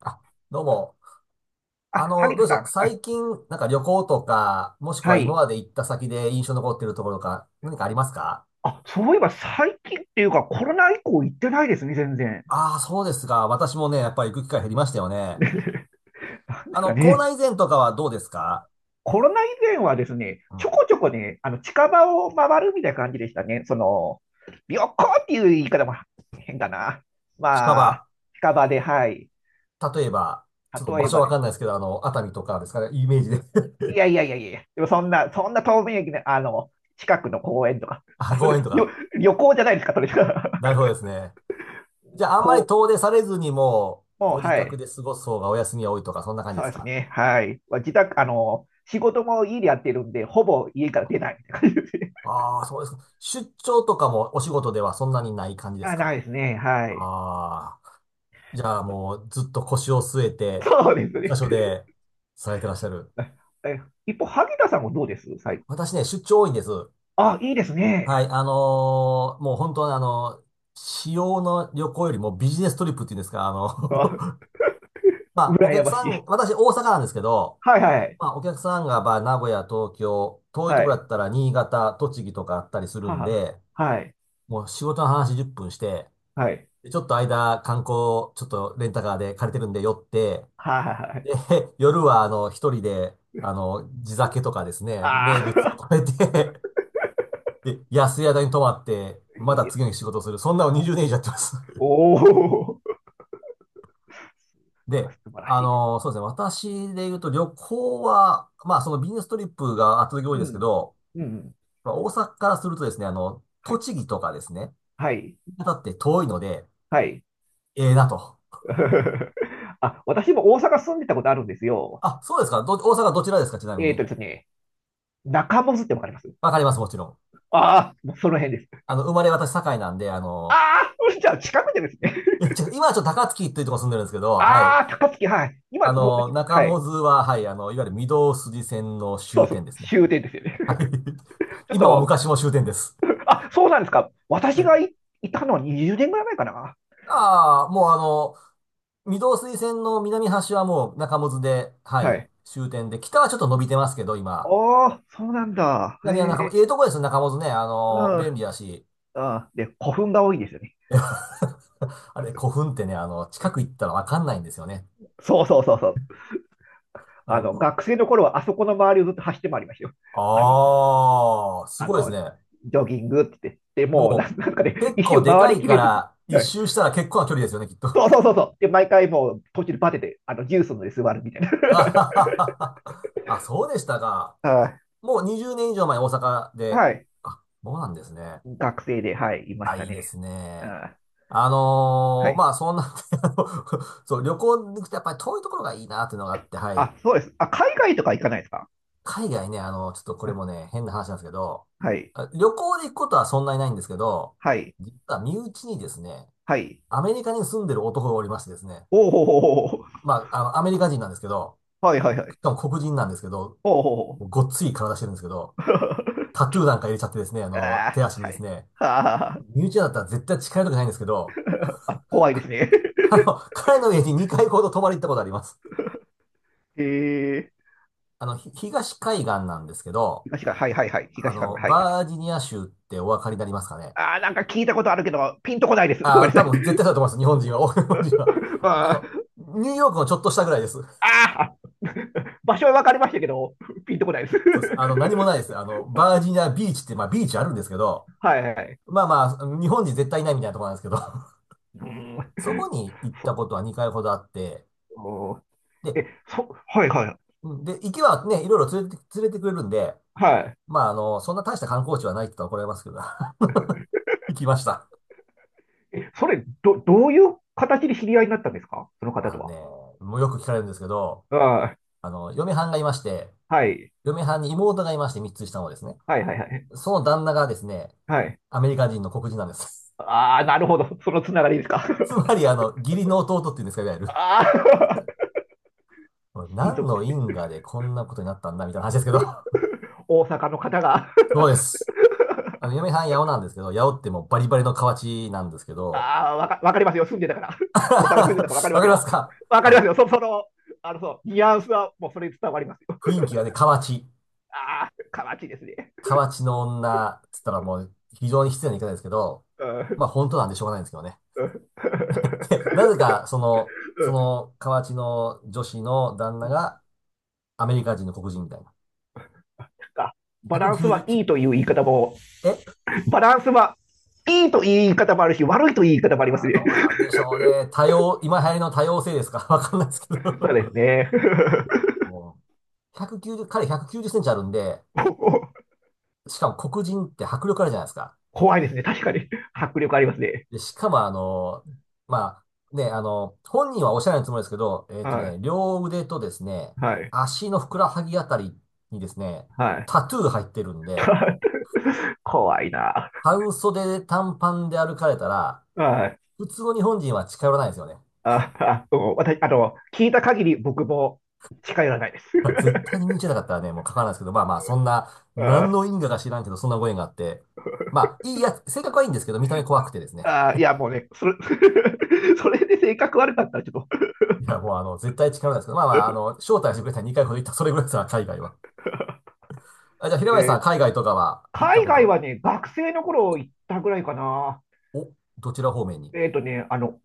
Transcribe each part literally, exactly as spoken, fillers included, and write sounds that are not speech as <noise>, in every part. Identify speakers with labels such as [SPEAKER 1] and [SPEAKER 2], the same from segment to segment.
[SPEAKER 1] あ、どうも。あ
[SPEAKER 2] あ、
[SPEAKER 1] の、
[SPEAKER 2] 萩
[SPEAKER 1] ど
[SPEAKER 2] 田
[SPEAKER 1] うでし
[SPEAKER 2] さ
[SPEAKER 1] ょ
[SPEAKER 2] ん。
[SPEAKER 1] う。
[SPEAKER 2] はい。
[SPEAKER 1] 最近、なんか旅行とか、もしく
[SPEAKER 2] は
[SPEAKER 1] は今
[SPEAKER 2] い。
[SPEAKER 1] まで行った先で印象残ってるところとか、何かありますか？
[SPEAKER 2] あ、そういえば最近っていうかコロナ以降行ってないですね、全然。
[SPEAKER 1] ああー、そうですが、私もね、やっぱり行く機会減りましたよ
[SPEAKER 2] <laughs>
[SPEAKER 1] ね。
[SPEAKER 2] なんで
[SPEAKER 1] あ
[SPEAKER 2] すか
[SPEAKER 1] の、コロ
[SPEAKER 2] ね。
[SPEAKER 1] ナ以前とかはどうですか？
[SPEAKER 2] コロナ以前はですね、
[SPEAKER 1] う
[SPEAKER 2] ちょ
[SPEAKER 1] ん。
[SPEAKER 2] こちょこね、あの近場を回るみたいな感じでしたね。その、旅行っていう言い方も変だな。
[SPEAKER 1] 近
[SPEAKER 2] まあ、
[SPEAKER 1] 場。
[SPEAKER 2] 近場で、はい。
[SPEAKER 1] 例えば、ちょっと
[SPEAKER 2] 例
[SPEAKER 1] 場
[SPEAKER 2] え
[SPEAKER 1] 所
[SPEAKER 2] ば
[SPEAKER 1] わ
[SPEAKER 2] で
[SPEAKER 1] か
[SPEAKER 2] す。
[SPEAKER 1] んないですけど、あの、熱海とかですかね、イメージで。
[SPEAKER 2] いやいやいやいや、でもそんな、そんな遠明駅の、あの、近くの公園とか。
[SPEAKER 1] <laughs> あ、
[SPEAKER 2] あ、そ
[SPEAKER 1] 公
[SPEAKER 2] れ、
[SPEAKER 1] 園と
[SPEAKER 2] 旅、
[SPEAKER 1] か。
[SPEAKER 2] 旅行じゃないですか、それ。<laughs>
[SPEAKER 1] なるほどですね。じゃあ、あんま
[SPEAKER 2] こ
[SPEAKER 1] り
[SPEAKER 2] う、
[SPEAKER 1] 遠出されずに、もう、
[SPEAKER 2] もう、
[SPEAKER 1] ご自
[SPEAKER 2] は
[SPEAKER 1] 宅
[SPEAKER 2] い。
[SPEAKER 1] で過ごす方がお休みが多いとか、そんな感じ
[SPEAKER 2] そ
[SPEAKER 1] で
[SPEAKER 2] う
[SPEAKER 1] す
[SPEAKER 2] です
[SPEAKER 1] か？
[SPEAKER 2] ね。はい。まあ自宅、あの、仕事も家でやってるんで、ほぼ家から出ないみたいな感じですね。
[SPEAKER 1] ああ、そうですか。出張とかもお仕事ではそんなにない感じ
[SPEAKER 2] <laughs>
[SPEAKER 1] です
[SPEAKER 2] あ、な
[SPEAKER 1] か？
[SPEAKER 2] いですね。はい。
[SPEAKER 1] ああ、じゃあもうずっと腰を据えて、
[SPEAKER 2] そうです
[SPEAKER 1] 一
[SPEAKER 2] ね。
[SPEAKER 1] 箇所でされてらっしゃる。
[SPEAKER 2] え、一方、萩田さんもどうです最
[SPEAKER 1] 私ね、出張多いんです。は
[SPEAKER 2] あ、いいです
[SPEAKER 1] い、
[SPEAKER 2] ね。
[SPEAKER 1] あのーもう本当にあのー私用の旅行よりもビジネストリップっていうんですか、あ
[SPEAKER 2] <laughs> あ、
[SPEAKER 1] の。 <laughs> まあ、お
[SPEAKER 2] 羨
[SPEAKER 1] 客
[SPEAKER 2] ま
[SPEAKER 1] さ
[SPEAKER 2] し
[SPEAKER 1] ん、
[SPEAKER 2] い。
[SPEAKER 1] 私大阪なんですけど、
[SPEAKER 2] はいはい。
[SPEAKER 1] まあ、お客さんが、まあ、名古屋、東京、遠いと
[SPEAKER 2] は
[SPEAKER 1] ころだ
[SPEAKER 2] い。
[SPEAKER 1] ったら新潟、栃木とかあったりするん
[SPEAKER 2] は
[SPEAKER 1] で、
[SPEAKER 2] あ、はい。
[SPEAKER 1] もう仕事の話じゅっぷんして、
[SPEAKER 2] はい。
[SPEAKER 1] でちょっと間、観光、ちょっとレンタカーで借りてるんで寄って、
[SPEAKER 2] はいはいは
[SPEAKER 1] で、
[SPEAKER 2] い
[SPEAKER 1] <laughs> 夜は、あの、ひとりで、あの、地酒とかですね、
[SPEAKER 2] はあは
[SPEAKER 1] 名
[SPEAKER 2] いはい
[SPEAKER 1] 物
[SPEAKER 2] はいは
[SPEAKER 1] を
[SPEAKER 2] いあ
[SPEAKER 1] 食べて、<laughs> で、安い宿に泊まって、
[SPEAKER 2] あ、<laughs>
[SPEAKER 1] ま
[SPEAKER 2] いい
[SPEAKER 1] た
[SPEAKER 2] で
[SPEAKER 1] 次の
[SPEAKER 2] す。
[SPEAKER 1] 日仕事をする。そんなのにじゅうねん以上やってます。
[SPEAKER 2] お
[SPEAKER 1] <laughs>
[SPEAKER 2] お、なんか
[SPEAKER 1] で、
[SPEAKER 2] 素晴ら
[SPEAKER 1] あ
[SPEAKER 2] しい。
[SPEAKER 1] の、そうですね、私で言うと旅行は、まあ、そのビジネストリップが圧倒的に多い
[SPEAKER 2] う
[SPEAKER 1] ですけ
[SPEAKER 2] ん。
[SPEAKER 1] ど、
[SPEAKER 2] うん。
[SPEAKER 1] まあ、大阪からするとですね、あの、
[SPEAKER 2] はい。
[SPEAKER 1] 栃木とかですね、
[SPEAKER 2] はい。
[SPEAKER 1] だって遠いので、
[SPEAKER 2] はい。
[SPEAKER 1] ええなと。
[SPEAKER 2] <laughs> あ、私も大阪住んでたことあるんですよ。
[SPEAKER 1] あ、そうですか。ど、大阪どちらですか、ちなみ
[SPEAKER 2] えっ
[SPEAKER 1] に。
[SPEAKER 2] とですね、中モスってわかります
[SPEAKER 1] わかります、もちろん。
[SPEAKER 2] ああ、その辺です。
[SPEAKER 1] あの、生まれ私、堺なんで、あ
[SPEAKER 2] あ
[SPEAKER 1] の、
[SPEAKER 2] あ、じゃあ近くでですね。
[SPEAKER 1] <laughs> いやち
[SPEAKER 2] <laughs>
[SPEAKER 1] ょ今はちょっと高槻っていうところ住んでるんですけど、はい。
[SPEAKER 2] ああ、高槻、はい。今、
[SPEAKER 1] あ
[SPEAKER 2] もう
[SPEAKER 1] の、中
[SPEAKER 2] はい。
[SPEAKER 1] 百舌は、はい、あの、いわゆる御堂筋線の
[SPEAKER 2] そう
[SPEAKER 1] 終
[SPEAKER 2] そ
[SPEAKER 1] 点
[SPEAKER 2] う、
[SPEAKER 1] ですね。
[SPEAKER 2] 終点ですよね。
[SPEAKER 1] はい。
[SPEAKER 2] <laughs>
[SPEAKER 1] <laughs>
[SPEAKER 2] ちょっ
[SPEAKER 1] 今も
[SPEAKER 2] と、
[SPEAKER 1] 昔も終点です。
[SPEAKER 2] あ、そうなんですか。私
[SPEAKER 1] はい。
[SPEAKER 2] がい、いたのはにじゅうねんぐらい前かな。
[SPEAKER 1] ああ、もうあの、御堂筋線の南端はもう中百舌で、は
[SPEAKER 2] は
[SPEAKER 1] い、
[SPEAKER 2] い。
[SPEAKER 1] 終点で、北はちょっと伸びてますけど、今。
[SPEAKER 2] おー、そうなんだ。へ
[SPEAKER 1] 南は中百
[SPEAKER 2] え、
[SPEAKER 1] 舌、ええとこですよ、中百舌ね。あ
[SPEAKER 2] う
[SPEAKER 1] の、便
[SPEAKER 2] ん、
[SPEAKER 1] 利だし。
[SPEAKER 2] うん。で、古墳が多いですよね。
[SPEAKER 1] <laughs> あれ、古墳ってね、あの、近く行ったらわかんないんですよね。
[SPEAKER 2] そうそうそうそう。
[SPEAKER 1] あ
[SPEAKER 2] あ
[SPEAKER 1] の、
[SPEAKER 2] の、
[SPEAKER 1] う
[SPEAKER 2] 学生の頃はあそこの周りをずっと走って回りましたよ。あの、
[SPEAKER 1] ああ、す
[SPEAKER 2] あ
[SPEAKER 1] ごいです
[SPEAKER 2] の、
[SPEAKER 1] ね。
[SPEAKER 2] ジョギングって言って、でもう
[SPEAKER 1] も
[SPEAKER 2] なんなんかね、
[SPEAKER 1] う、結
[SPEAKER 2] 一
[SPEAKER 1] 構
[SPEAKER 2] 周
[SPEAKER 1] で
[SPEAKER 2] 回
[SPEAKER 1] か
[SPEAKER 2] り
[SPEAKER 1] い
[SPEAKER 2] き
[SPEAKER 1] か
[SPEAKER 2] れずに、
[SPEAKER 1] ら、一
[SPEAKER 2] はい
[SPEAKER 1] 周したら結構な距離ですよね、きっと。<laughs>
[SPEAKER 2] そうそうそうそう。で、毎回もう途中でバテて、あの、ジュースので座るみたいな。
[SPEAKER 1] あは
[SPEAKER 2] <laughs>
[SPEAKER 1] はははあ、そうでしたか。
[SPEAKER 2] はい
[SPEAKER 1] もうにじゅうねん以上前、大阪で。
[SPEAKER 2] はい。
[SPEAKER 1] あ、そうなんですね。
[SPEAKER 2] 学生で、はい、いまし
[SPEAKER 1] あ、
[SPEAKER 2] た
[SPEAKER 1] いいで
[SPEAKER 2] ね。
[SPEAKER 1] すね。
[SPEAKER 2] あ
[SPEAKER 1] あ
[SPEAKER 2] は
[SPEAKER 1] のーま
[SPEAKER 2] い。
[SPEAKER 1] あ、そんな。 <laughs> あのそう、旅行に行くとやっぱり遠いところがいいなっていうのがあって、はい。
[SPEAKER 2] あ、そうです。あ、海外とか行かないですか
[SPEAKER 1] 海外ね、あの、ちょっとこれ
[SPEAKER 2] あ
[SPEAKER 1] もね、変な話なんですけど、
[SPEAKER 2] はい。
[SPEAKER 1] あ旅行で行くことはそんなにないんですけど、
[SPEAKER 2] はい。
[SPEAKER 1] 実は身内にですね、
[SPEAKER 2] はい。
[SPEAKER 1] アメリカに住んでる男がおりましてですね、
[SPEAKER 2] おおほほほほ。
[SPEAKER 1] まあ、あの、アメリカ人なんですけど、
[SPEAKER 2] はいはいはい。
[SPEAKER 1] かも黒人なんですけど、
[SPEAKER 2] おおほほほ。
[SPEAKER 1] もうごっつい体してるんですけど、
[SPEAKER 2] <laughs>
[SPEAKER 1] タトゥーなんか入れちゃってですね、あの、手
[SPEAKER 2] あー
[SPEAKER 1] 足に
[SPEAKER 2] は
[SPEAKER 1] です
[SPEAKER 2] い。
[SPEAKER 1] ね、
[SPEAKER 2] はあ、
[SPEAKER 1] 身内だったら絶対近寄りたくないんですけど、
[SPEAKER 2] 怖いですね。
[SPEAKER 1] あの、彼の家ににかいほど泊まり行ったことあります。
[SPEAKER 2] <laughs> えー、
[SPEAKER 1] あの、ひ東海岸なんですけど、
[SPEAKER 2] 東館、はいはいはい。
[SPEAKER 1] あ
[SPEAKER 2] 東館が、
[SPEAKER 1] の、
[SPEAKER 2] はい。
[SPEAKER 1] バージニア州ってお分かりになりますかね。
[SPEAKER 2] あーなんか聞いたことあるけど、ピンとこないです。ご
[SPEAKER 1] あ
[SPEAKER 2] め
[SPEAKER 1] あ、
[SPEAKER 2] んな
[SPEAKER 1] 多
[SPEAKER 2] さい。
[SPEAKER 1] 分絶対だと思います、日本人は。<laughs> 日本人は。
[SPEAKER 2] <laughs>
[SPEAKER 1] あ
[SPEAKER 2] あ
[SPEAKER 1] の、
[SPEAKER 2] ー
[SPEAKER 1] ニューヨークのちょっとしたぐらいです。
[SPEAKER 2] ああ <laughs> 場所は分かりましたけど、ピンとこないです。<laughs>
[SPEAKER 1] そうです。あの、何もないです。あの、バージニアビーチって、まあビーチあるんですけど、
[SPEAKER 2] はいはい。
[SPEAKER 1] まあまあ、日本人絶対いないみたいなところなんですけど、
[SPEAKER 2] うん、
[SPEAKER 1] そこに行った
[SPEAKER 2] そ
[SPEAKER 1] ことはにかいほどあって、
[SPEAKER 2] う。
[SPEAKER 1] で、
[SPEAKER 2] え、そ、はいはい。
[SPEAKER 1] うんで、行きはね、いろいろ連れて、連れてくれるんで、
[SPEAKER 2] は
[SPEAKER 1] まあ、あの、そんな大した観光地はないって言ったら怒られますけど、<laughs> 行きました。
[SPEAKER 2] い。え、それ、ど、どういう形で知り合いになったんですかその方
[SPEAKER 1] あ
[SPEAKER 2] と
[SPEAKER 1] のね、
[SPEAKER 2] は。
[SPEAKER 1] もうよく聞かれるんですけど、
[SPEAKER 2] あ
[SPEAKER 1] あの、嫁はんがいまして、
[SPEAKER 2] あ、はい。
[SPEAKER 1] 嫁はんに妹がいましてみっつ下のですね。
[SPEAKER 2] はいはいはい。
[SPEAKER 1] その旦那がですね、
[SPEAKER 2] はい。
[SPEAKER 1] アメリカ人の黒人なんです。
[SPEAKER 2] ああ、なるほど。そのつながりですか。
[SPEAKER 1] <laughs> つま
[SPEAKER 2] <laughs>
[SPEAKER 1] り、あの、義理の弟っていうんですか、いわゆる。
[SPEAKER 2] ああ、親
[SPEAKER 1] 何
[SPEAKER 2] 族、
[SPEAKER 1] の因果でこんなことになったんだ、みたいな話ですけど。
[SPEAKER 2] 大阪の方が
[SPEAKER 1] <laughs> そうです。
[SPEAKER 2] <laughs>
[SPEAKER 1] あの、嫁さん、八尾なんですけど、八尾ってもうバリバリの河内なんですけど、
[SPEAKER 2] ああ、わか、わかりますよ。住んでたから。<laughs>
[SPEAKER 1] <laughs>
[SPEAKER 2] 大阪住んでたからわかり
[SPEAKER 1] わ
[SPEAKER 2] ま
[SPEAKER 1] か
[SPEAKER 2] す
[SPEAKER 1] ります
[SPEAKER 2] よ。
[SPEAKER 1] か、
[SPEAKER 2] わか
[SPEAKER 1] あ
[SPEAKER 2] ります
[SPEAKER 1] の、
[SPEAKER 2] よ。そ、その、あの、そう、ニュアンスはもうそれ伝わりますよ。
[SPEAKER 1] 雰囲気がね、河内。
[SPEAKER 2] ああ、かわちいですね。
[SPEAKER 1] 河内の女、つったらもう非常に失礼な言い方ですけど、
[SPEAKER 2] う
[SPEAKER 1] ま
[SPEAKER 2] ん
[SPEAKER 1] あ本当なんでしょうがないんですけどね。
[SPEAKER 2] うん
[SPEAKER 1] <laughs> で、なぜか、その、
[SPEAKER 2] な
[SPEAKER 1] そ
[SPEAKER 2] ん
[SPEAKER 1] の河内の女子の旦那がアメリカ人の黒人みたいな。
[SPEAKER 2] かバ
[SPEAKER 1] 190、
[SPEAKER 2] ランスはいいという言い方も、
[SPEAKER 1] え
[SPEAKER 2] バランスはいいという言い方もあるし、悪いという言い方もあります
[SPEAKER 1] あー
[SPEAKER 2] ね。
[SPEAKER 1] どうなんでしょうね。多様、今流行りの多様性ですか？ <laughs> わかんないですけ
[SPEAKER 2] <laughs> そう
[SPEAKER 1] ど、
[SPEAKER 2] ですね。
[SPEAKER 1] もう、ひゃくきゅうじゅう、彼ひゃくきゅうじゅっセンチあるんで、
[SPEAKER 2] <laughs>
[SPEAKER 1] しかも黒人って迫力あるじゃないですか。
[SPEAKER 2] 怖いですね。確かに。迫力ありますね。
[SPEAKER 1] で、しかもあの、まあ、ね、あの、本人はおっしゃらないつもりですけど、えっと
[SPEAKER 2] は
[SPEAKER 1] ね、
[SPEAKER 2] い。
[SPEAKER 1] 両腕とですね、
[SPEAKER 2] はい。
[SPEAKER 1] 足のふくらはぎあたりにですね、
[SPEAKER 2] はい。
[SPEAKER 1] タトゥー入ってるんで、
[SPEAKER 2] <laughs> 怖いな。
[SPEAKER 1] 半袖で短パンで歩かれたら、
[SPEAKER 2] はい。
[SPEAKER 1] 普通の日本人は近寄らないですよね。
[SPEAKER 2] あ、あ、うん私、あの、聞いた限り僕も近寄らないです。
[SPEAKER 1] <laughs> 絶対に見に行けなかったらね、もう書かないですけど、まあまあ、そんな、何の
[SPEAKER 2] <laughs>
[SPEAKER 1] 因果か知らんけど、そんなご縁があって、まあ、いいやつ、性格はいいんですけど、見た目怖くてですね。
[SPEAKER 2] ああ、いや、もうね、それ、<laughs> それで性格悪かったらちょっと、
[SPEAKER 1] いや、もうあの、絶対近寄らないですけど、まあまあ、あの、招待してくれたらにかいほど行った、それぐらいですから、海外は。あ、じゃあ、平
[SPEAKER 2] え
[SPEAKER 1] 林さ
[SPEAKER 2] ー
[SPEAKER 1] ん、海外とかは行った
[SPEAKER 2] 海
[SPEAKER 1] こと
[SPEAKER 2] 外
[SPEAKER 1] は、
[SPEAKER 2] はね、学生の頃行ったぐらいかな。
[SPEAKER 1] お、どちら方面に？
[SPEAKER 2] えっとね、あの、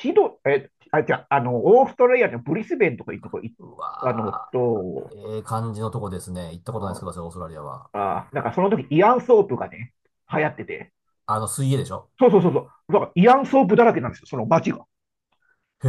[SPEAKER 2] シド、え、あ、じゃあ、あの、オーストラリアのブリスベンとかいうとこ行っ
[SPEAKER 1] う
[SPEAKER 2] たの
[SPEAKER 1] わ
[SPEAKER 2] と、
[SPEAKER 1] ー、ええ感じのとこですね。行ったことないですけど、私オーストラリアは。
[SPEAKER 2] あ、あなんかその時イアンソープがね、流行ってて、
[SPEAKER 1] あの、水泳でしょ？
[SPEAKER 2] そうそうそうそう、だからイアンソープだらけなんですよ、その街が。
[SPEAKER 1] へ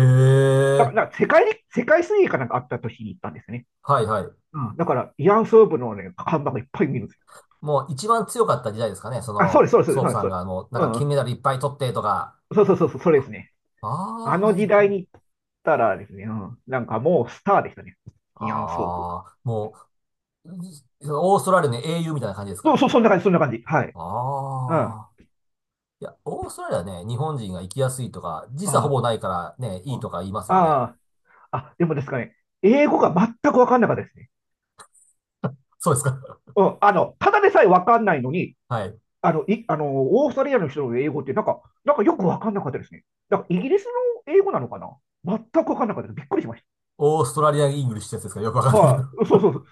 [SPEAKER 2] だか
[SPEAKER 1] え。
[SPEAKER 2] ら、だから世界に、世界水泳かなんかあった年に行ったんですね。
[SPEAKER 1] はいはい。
[SPEAKER 2] うん、だから、慰安婦部のね、看板がいっぱい見るんですよ。
[SPEAKER 1] もういちばん強かった時代ですかね。そ
[SPEAKER 2] あ、そうです、
[SPEAKER 1] の、
[SPEAKER 2] そうです、
[SPEAKER 1] ソー
[SPEAKER 2] そ
[SPEAKER 1] プ
[SPEAKER 2] うです。
[SPEAKER 1] さん
[SPEAKER 2] そうです
[SPEAKER 1] がもう、なん
[SPEAKER 2] う
[SPEAKER 1] か金
[SPEAKER 2] ん。
[SPEAKER 1] メダルいっぱい取ってとか。
[SPEAKER 2] そうそうそうそう、それですね。
[SPEAKER 1] ああ、
[SPEAKER 2] あの
[SPEAKER 1] はい
[SPEAKER 2] 時
[SPEAKER 1] は
[SPEAKER 2] 代
[SPEAKER 1] い。
[SPEAKER 2] に行ったらですね、うん、なんかもうスターでしたね。慰安婦部。
[SPEAKER 1] ああ、もう、い、オーストラリアの英雄みたいな感じです
[SPEAKER 2] そう
[SPEAKER 1] か？
[SPEAKER 2] そう、そんな感じ、そんな感じ。はい。うん。あ
[SPEAKER 1] ああ。いや、オーストラリアね、日本人が行きやすいとか、時差ほ
[SPEAKER 2] あ、
[SPEAKER 1] ぼないからね、い
[SPEAKER 2] う
[SPEAKER 1] い
[SPEAKER 2] ん、
[SPEAKER 1] と
[SPEAKER 2] あ
[SPEAKER 1] か言いますよね。
[SPEAKER 2] あ、あ、でもですかね、英語が全くわかんなかったですね。
[SPEAKER 1] そうですか。
[SPEAKER 2] うん、あの、ただでさえわかんないのに、
[SPEAKER 1] <laughs> はい。
[SPEAKER 2] あの、い、あの、オーストラリアの人の英語って、なんか、なんかよくわかんなかったですね。だから、イギリスの英語なのかな全くわかんなかったです。びっくりしまし
[SPEAKER 1] オーストラリアン・イングリッシュってやつですか？よくわか
[SPEAKER 2] た。
[SPEAKER 1] んないけ
[SPEAKER 2] は
[SPEAKER 1] ど。
[SPEAKER 2] い、そうそうそう。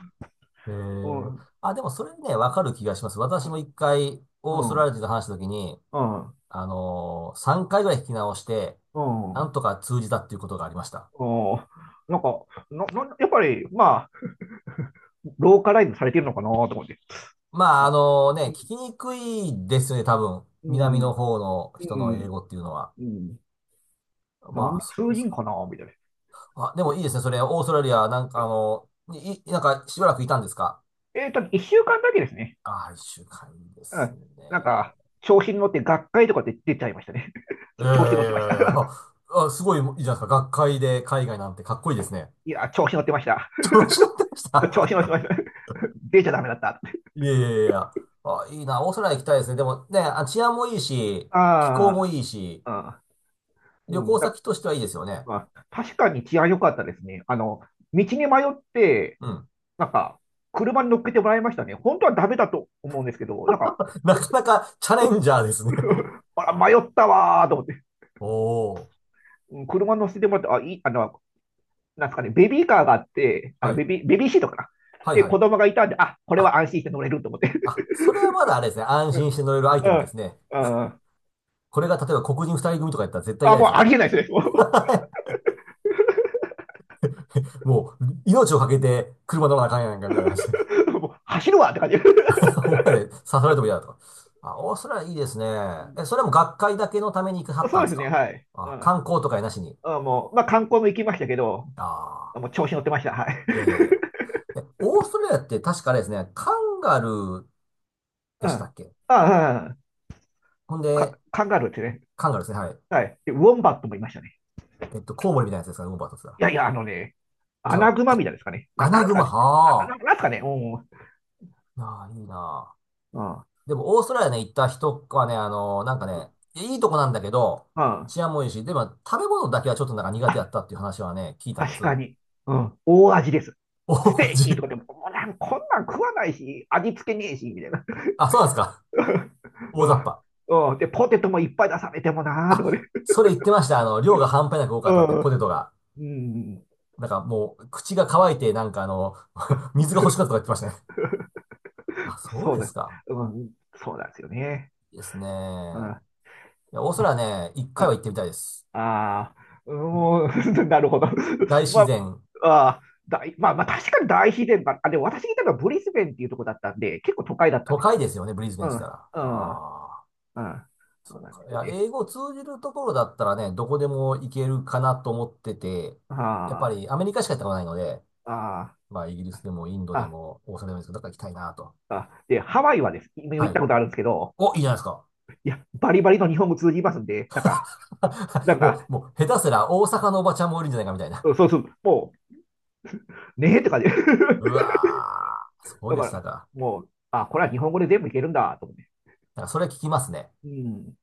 [SPEAKER 1] え
[SPEAKER 2] う
[SPEAKER 1] ー、
[SPEAKER 2] ん、
[SPEAKER 1] あ、でもそれね、わかる気がします。私も一回、
[SPEAKER 2] う
[SPEAKER 1] オースト
[SPEAKER 2] ん、う
[SPEAKER 1] ラリア
[SPEAKER 2] ん、
[SPEAKER 1] 人と話したときに、あのー、さんかいぐらい聞き直して、
[SPEAKER 2] うん、
[SPEAKER 1] な
[SPEAKER 2] う
[SPEAKER 1] んとか通じたっていうことがありました。
[SPEAKER 2] ん。なんか、な、な、やっぱり、まあ、ローカライズされてるのかなと思って。
[SPEAKER 1] まあ、
[SPEAKER 2] あ、
[SPEAKER 1] あのね、聞きにくいですよね、多分。
[SPEAKER 2] う
[SPEAKER 1] 南の
[SPEAKER 2] ん、
[SPEAKER 1] 方の
[SPEAKER 2] う
[SPEAKER 1] 人の英
[SPEAKER 2] ん、
[SPEAKER 1] 語っていうのは。
[SPEAKER 2] うん。な
[SPEAKER 1] ま
[SPEAKER 2] ん
[SPEAKER 1] あ、
[SPEAKER 2] で
[SPEAKER 1] そう
[SPEAKER 2] 通
[SPEAKER 1] で
[SPEAKER 2] じ
[SPEAKER 1] す
[SPEAKER 2] ん
[SPEAKER 1] か。
[SPEAKER 2] かなみたいな。
[SPEAKER 1] あ、でもいいですね、それ、オーストラリア、なんかあの、い、いなんかしばらくいたんですか？
[SPEAKER 2] えっと、いっしゅうかんだけですね。
[SPEAKER 1] ああー、いっしゅうかんいいで
[SPEAKER 2] う
[SPEAKER 1] すね。
[SPEAKER 2] ん。なんか、調子に乗って学会とかで出ちゃいましたね。<laughs>
[SPEAKER 1] え
[SPEAKER 2] ち
[SPEAKER 1] え、
[SPEAKER 2] ょ、調子に乗ってました。
[SPEAKER 1] あ、あ、すごいいいじゃないですか。学会で海外なんてかっこいいですね。
[SPEAKER 2] <laughs> いや、調子に乗ってました。
[SPEAKER 1] <laughs> 調子乗ってまし
[SPEAKER 2] <laughs> 調子に乗って
[SPEAKER 1] た。
[SPEAKER 2] ました。<laughs> 出ちゃダメだった。
[SPEAKER 1] <laughs> いやいやいやいや。あ、いいな。オーストラリア行きたいですね。でもね、あ、治安もいいし、気候も
[SPEAKER 2] あ
[SPEAKER 1] いいし、
[SPEAKER 2] あ、う
[SPEAKER 1] 旅
[SPEAKER 2] ん、う
[SPEAKER 1] 行
[SPEAKER 2] ん。だ、
[SPEAKER 1] 先としてはいいですよね。
[SPEAKER 2] まあ、確かに治安良かったですね。あの、道に迷って、
[SPEAKER 1] うん。
[SPEAKER 2] なんか、車に乗っけてもらいましたね。本当はダメだと思うんですけど、なんか、
[SPEAKER 1] <laughs> なかなかチャレンジャーですね。
[SPEAKER 2] あら、迷ったわーと思って、
[SPEAKER 1] <laughs> おー。
[SPEAKER 2] うん車に乗せてもらって、あ、いい、あの、なんですかね、ベビーカーがあって、あ
[SPEAKER 1] は
[SPEAKER 2] のベ
[SPEAKER 1] い。
[SPEAKER 2] ビー、ベビーシートかな。
[SPEAKER 1] はい
[SPEAKER 2] で、
[SPEAKER 1] は
[SPEAKER 2] 子
[SPEAKER 1] い。
[SPEAKER 2] 供がいたんで、あ、これは
[SPEAKER 1] あ、
[SPEAKER 2] 安心して乗れると思って。
[SPEAKER 1] あ、それはまだあれですね。
[SPEAKER 2] <laughs>
[SPEAKER 1] 安
[SPEAKER 2] う
[SPEAKER 1] 心し
[SPEAKER 2] ん、
[SPEAKER 1] て乗れるアイテ
[SPEAKER 2] う
[SPEAKER 1] ムです
[SPEAKER 2] ん。
[SPEAKER 1] ね。
[SPEAKER 2] うん
[SPEAKER 1] これが例えば黒人ふたりぐみとかやったら絶対
[SPEAKER 2] あ、
[SPEAKER 1] 嫌で
[SPEAKER 2] もう
[SPEAKER 1] すよね。
[SPEAKER 2] ありえないですね。も
[SPEAKER 1] もう、命をかけて車乗らなあかんやんかみたいな話。
[SPEAKER 2] う、もう走るわって感じ。<laughs>
[SPEAKER 1] どんぐらいで刺されても嫌だとか。あ、オーストラリアいいですね。え、それはもう学会だけのために行くはった
[SPEAKER 2] そ
[SPEAKER 1] ん
[SPEAKER 2] う
[SPEAKER 1] で
[SPEAKER 2] で
[SPEAKER 1] す
[SPEAKER 2] すね、
[SPEAKER 1] か？
[SPEAKER 2] はい。う
[SPEAKER 1] あ、
[SPEAKER 2] ん。
[SPEAKER 1] 観光とかなしに。
[SPEAKER 2] あもう、まあ、観光も行きましたけど、
[SPEAKER 1] あ
[SPEAKER 2] もう
[SPEAKER 1] あ、
[SPEAKER 2] 調子乗ってました。はい。
[SPEAKER 1] いやいやいや。え、オーストラリアって確かあれですね、カンガルー
[SPEAKER 2] <laughs>
[SPEAKER 1] で
[SPEAKER 2] うん。
[SPEAKER 1] した
[SPEAKER 2] あ
[SPEAKER 1] っけ？
[SPEAKER 2] あ、うん
[SPEAKER 1] ほん
[SPEAKER 2] か、
[SPEAKER 1] で、
[SPEAKER 2] カンガルーってね。
[SPEAKER 1] カンガルーですね、はい。
[SPEAKER 2] はい。で、ウォンバットもいましたね。
[SPEAKER 1] えっと、コウモリみたいなやつですかね、ウォンバットとつが。
[SPEAKER 2] いやいや、あのね、
[SPEAKER 1] じ
[SPEAKER 2] ア
[SPEAKER 1] ゃ
[SPEAKER 2] ナ
[SPEAKER 1] う
[SPEAKER 2] グマ
[SPEAKER 1] わ
[SPEAKER 2] みたいですかね。な、
[SPEAKER 1] アナ
[SPEAKER 2] なんす
[SPEAKER 1] グ
[SPEAKER 2] か
[SPEAKER 1] マ、
[SPEAKER 2] ね。あ、な、
[SPEAKER 1] は
[SPEAKER 2] なんすかね。うん。うん。
[SPEAKER 1] あ。ああ、いいなあ。
[SPEAKER 2] う
[SPEAKER 1] でも、オーストラリアね、行った人はね、あのなんかね、いいとこなんだけど、
[SPEAKER 2] ん
[SPEAKER 1] 治安もいいし、でも、食べ物だけはちょっとなんか苦手や
[SPEAKER 2] あ、
[SPEAKER 1] ったっていう話はね、聞いたんで
[SPEAKER 2] 確
[SPEAKER 1] す。
[SPEAKER 2] かに。うん。大味です。ス
[SPEAKER 1] 大
[SPEAKER 2] テーキと
[SPEAKER 1] 味。
[SPEAKER 2] かでも、もうなんこんなん食わないし、味付けねえし、みたいな。
[SPEAKER 1] あ、そうなんですか。
[SPEAKER 2] <laughs> う
[SPEAKER 1] 大雑把。
[SPEAKER 2] ん。うん。で、ポテトもいっぱい出されてもなーとか
[SPEAKER 1] あ、
[SPEAKER 2] ね。
[SPEAKER 1] それ言ってました。あの、量が半端なく多か
[SPEAKER 2] う
[SPEAKER 1] ったって、ポ
[SPEAKER 2] ん。
[SPEAKER 1] テトが。
[SPEAKER 2] うん。
[SPEAKER 1] なんかもう、口が乾いて、なんかあの、<laughs> 水が欲しかったとか言っ
[SPEAKER 2] <laughs>
[SPEAKER 1] てましたね。あ、そう
[SPEAKER 2] そう
[SPEAKER 1] で
[SPEAKER 2] で
[SPEAKER 1] す
[SPEAKER 2] す。
[SPEAKER 1] か。
[SPEAKER 2] うん。そうなんですよね。
[SPEAKER 1] いいです
[SPEAKER 2] うん。
[SPEAKER 1] ね。
[SPEAKER 2] ま
[SPEAKER 1] いや、オースト
[SPEAKER 2] あ
[SPEAKER 1] ラリアね、一
[SPEAKER 2] う
[SPEAKER 1] 回は
[SPEAKER 2] ん
[SPEAKER 1] 行ってみたいです。
[SPEAKER 2] ああ、もん <laughs> なるほど。
[SPEAKER 1] 大
[SPEAKER 2] <laughs> ま
[SPEAKER 1] 自然、
[SPEAKER 2] あ、あー大、まあ、まあ、確かに大自然ば、あ、でも私がいたのはブリスベンっていうとこだったんで、結構都会だったん
[SPEAKER 1] 都
[SPEAKER 2] です
[SPEAKER 1] 会
[SPEAKER 2] よ。
[SPEAKER 1] ですよね、ブリズベン
[SPEAKER 2] う
[SPEAKER 1] っ
[SPEAKER 2] ん、
[SPEAKER 1] て
[SPEAKER 2] う
[SPEAKER 1] 言ったら。
[SPEAKER 2] ん、うん。
[SPEAKER 1] ああ、
[SPEAKER 2] そ
[SPEAKER 1] そ
[SPEAKER 2] う
[SPEAKER 1] う
[SPEAKER 2] なんで
[SPEAKER 1] か。い
[SPEAKER 2] すよ
[SPEAKER 1] や、
[SPEAKER 2] ね。
[SPEAKER 1] 英語通じるところだったらね、どこでも行けるかなと思ってて、やっぱ
[SPEAKER 2] あ
[SPEAKER 1] りアメリカしか行ったことないので、
[SPEAKER 2] あ、
[SPEAKER 1] まあ、イギリスでもインド
[SPEAKER 2] ああ、
[SPEAKER 1] で
[SPEAKER 2] あ
[SPEAKER 1] もオーストラリアでもいいですけど、どっか行きたいなと。
[SPEAKER 2] あ。で、ハワイはです。今行
[SPEAKER 1] は
[SPEAKER 2] っ
[SPEAKER 1] い。
[SPEAKER 2] たことあるんですけど、
[SPEAKER 1] お、いいじゃないですか。
[SPEAKER 2] いや、バリバリの日本語通じますんで、なんか、な
[SPEAKER 1] <laughs>
[SPEAKER 2] ん
[SPEAKER 1] も
[SPEAKER 2] か、
[SPEAKER 1] う、もう、下手すら大阪のおばちゃんもいるんじゃないかみたいな。
[SPEAKER 2] うんそうそう、もう、ねえって感じ。<laughs>
[SPEAKER 1] うわー、そう
[SPEAKER 2] だ
[SPEAKER 1] で
[SPEAKER 2] か
[SPEAKER 1] した
[SPEAKER 2] ら、
[SPEAKER 1] か。
[SPEAKER 2] もう、あ、これは日本語で全部いけるんだ、と思って。
[SPEAKER 1] なんかそれ聞きますね。
[SPEAKER 2] うん。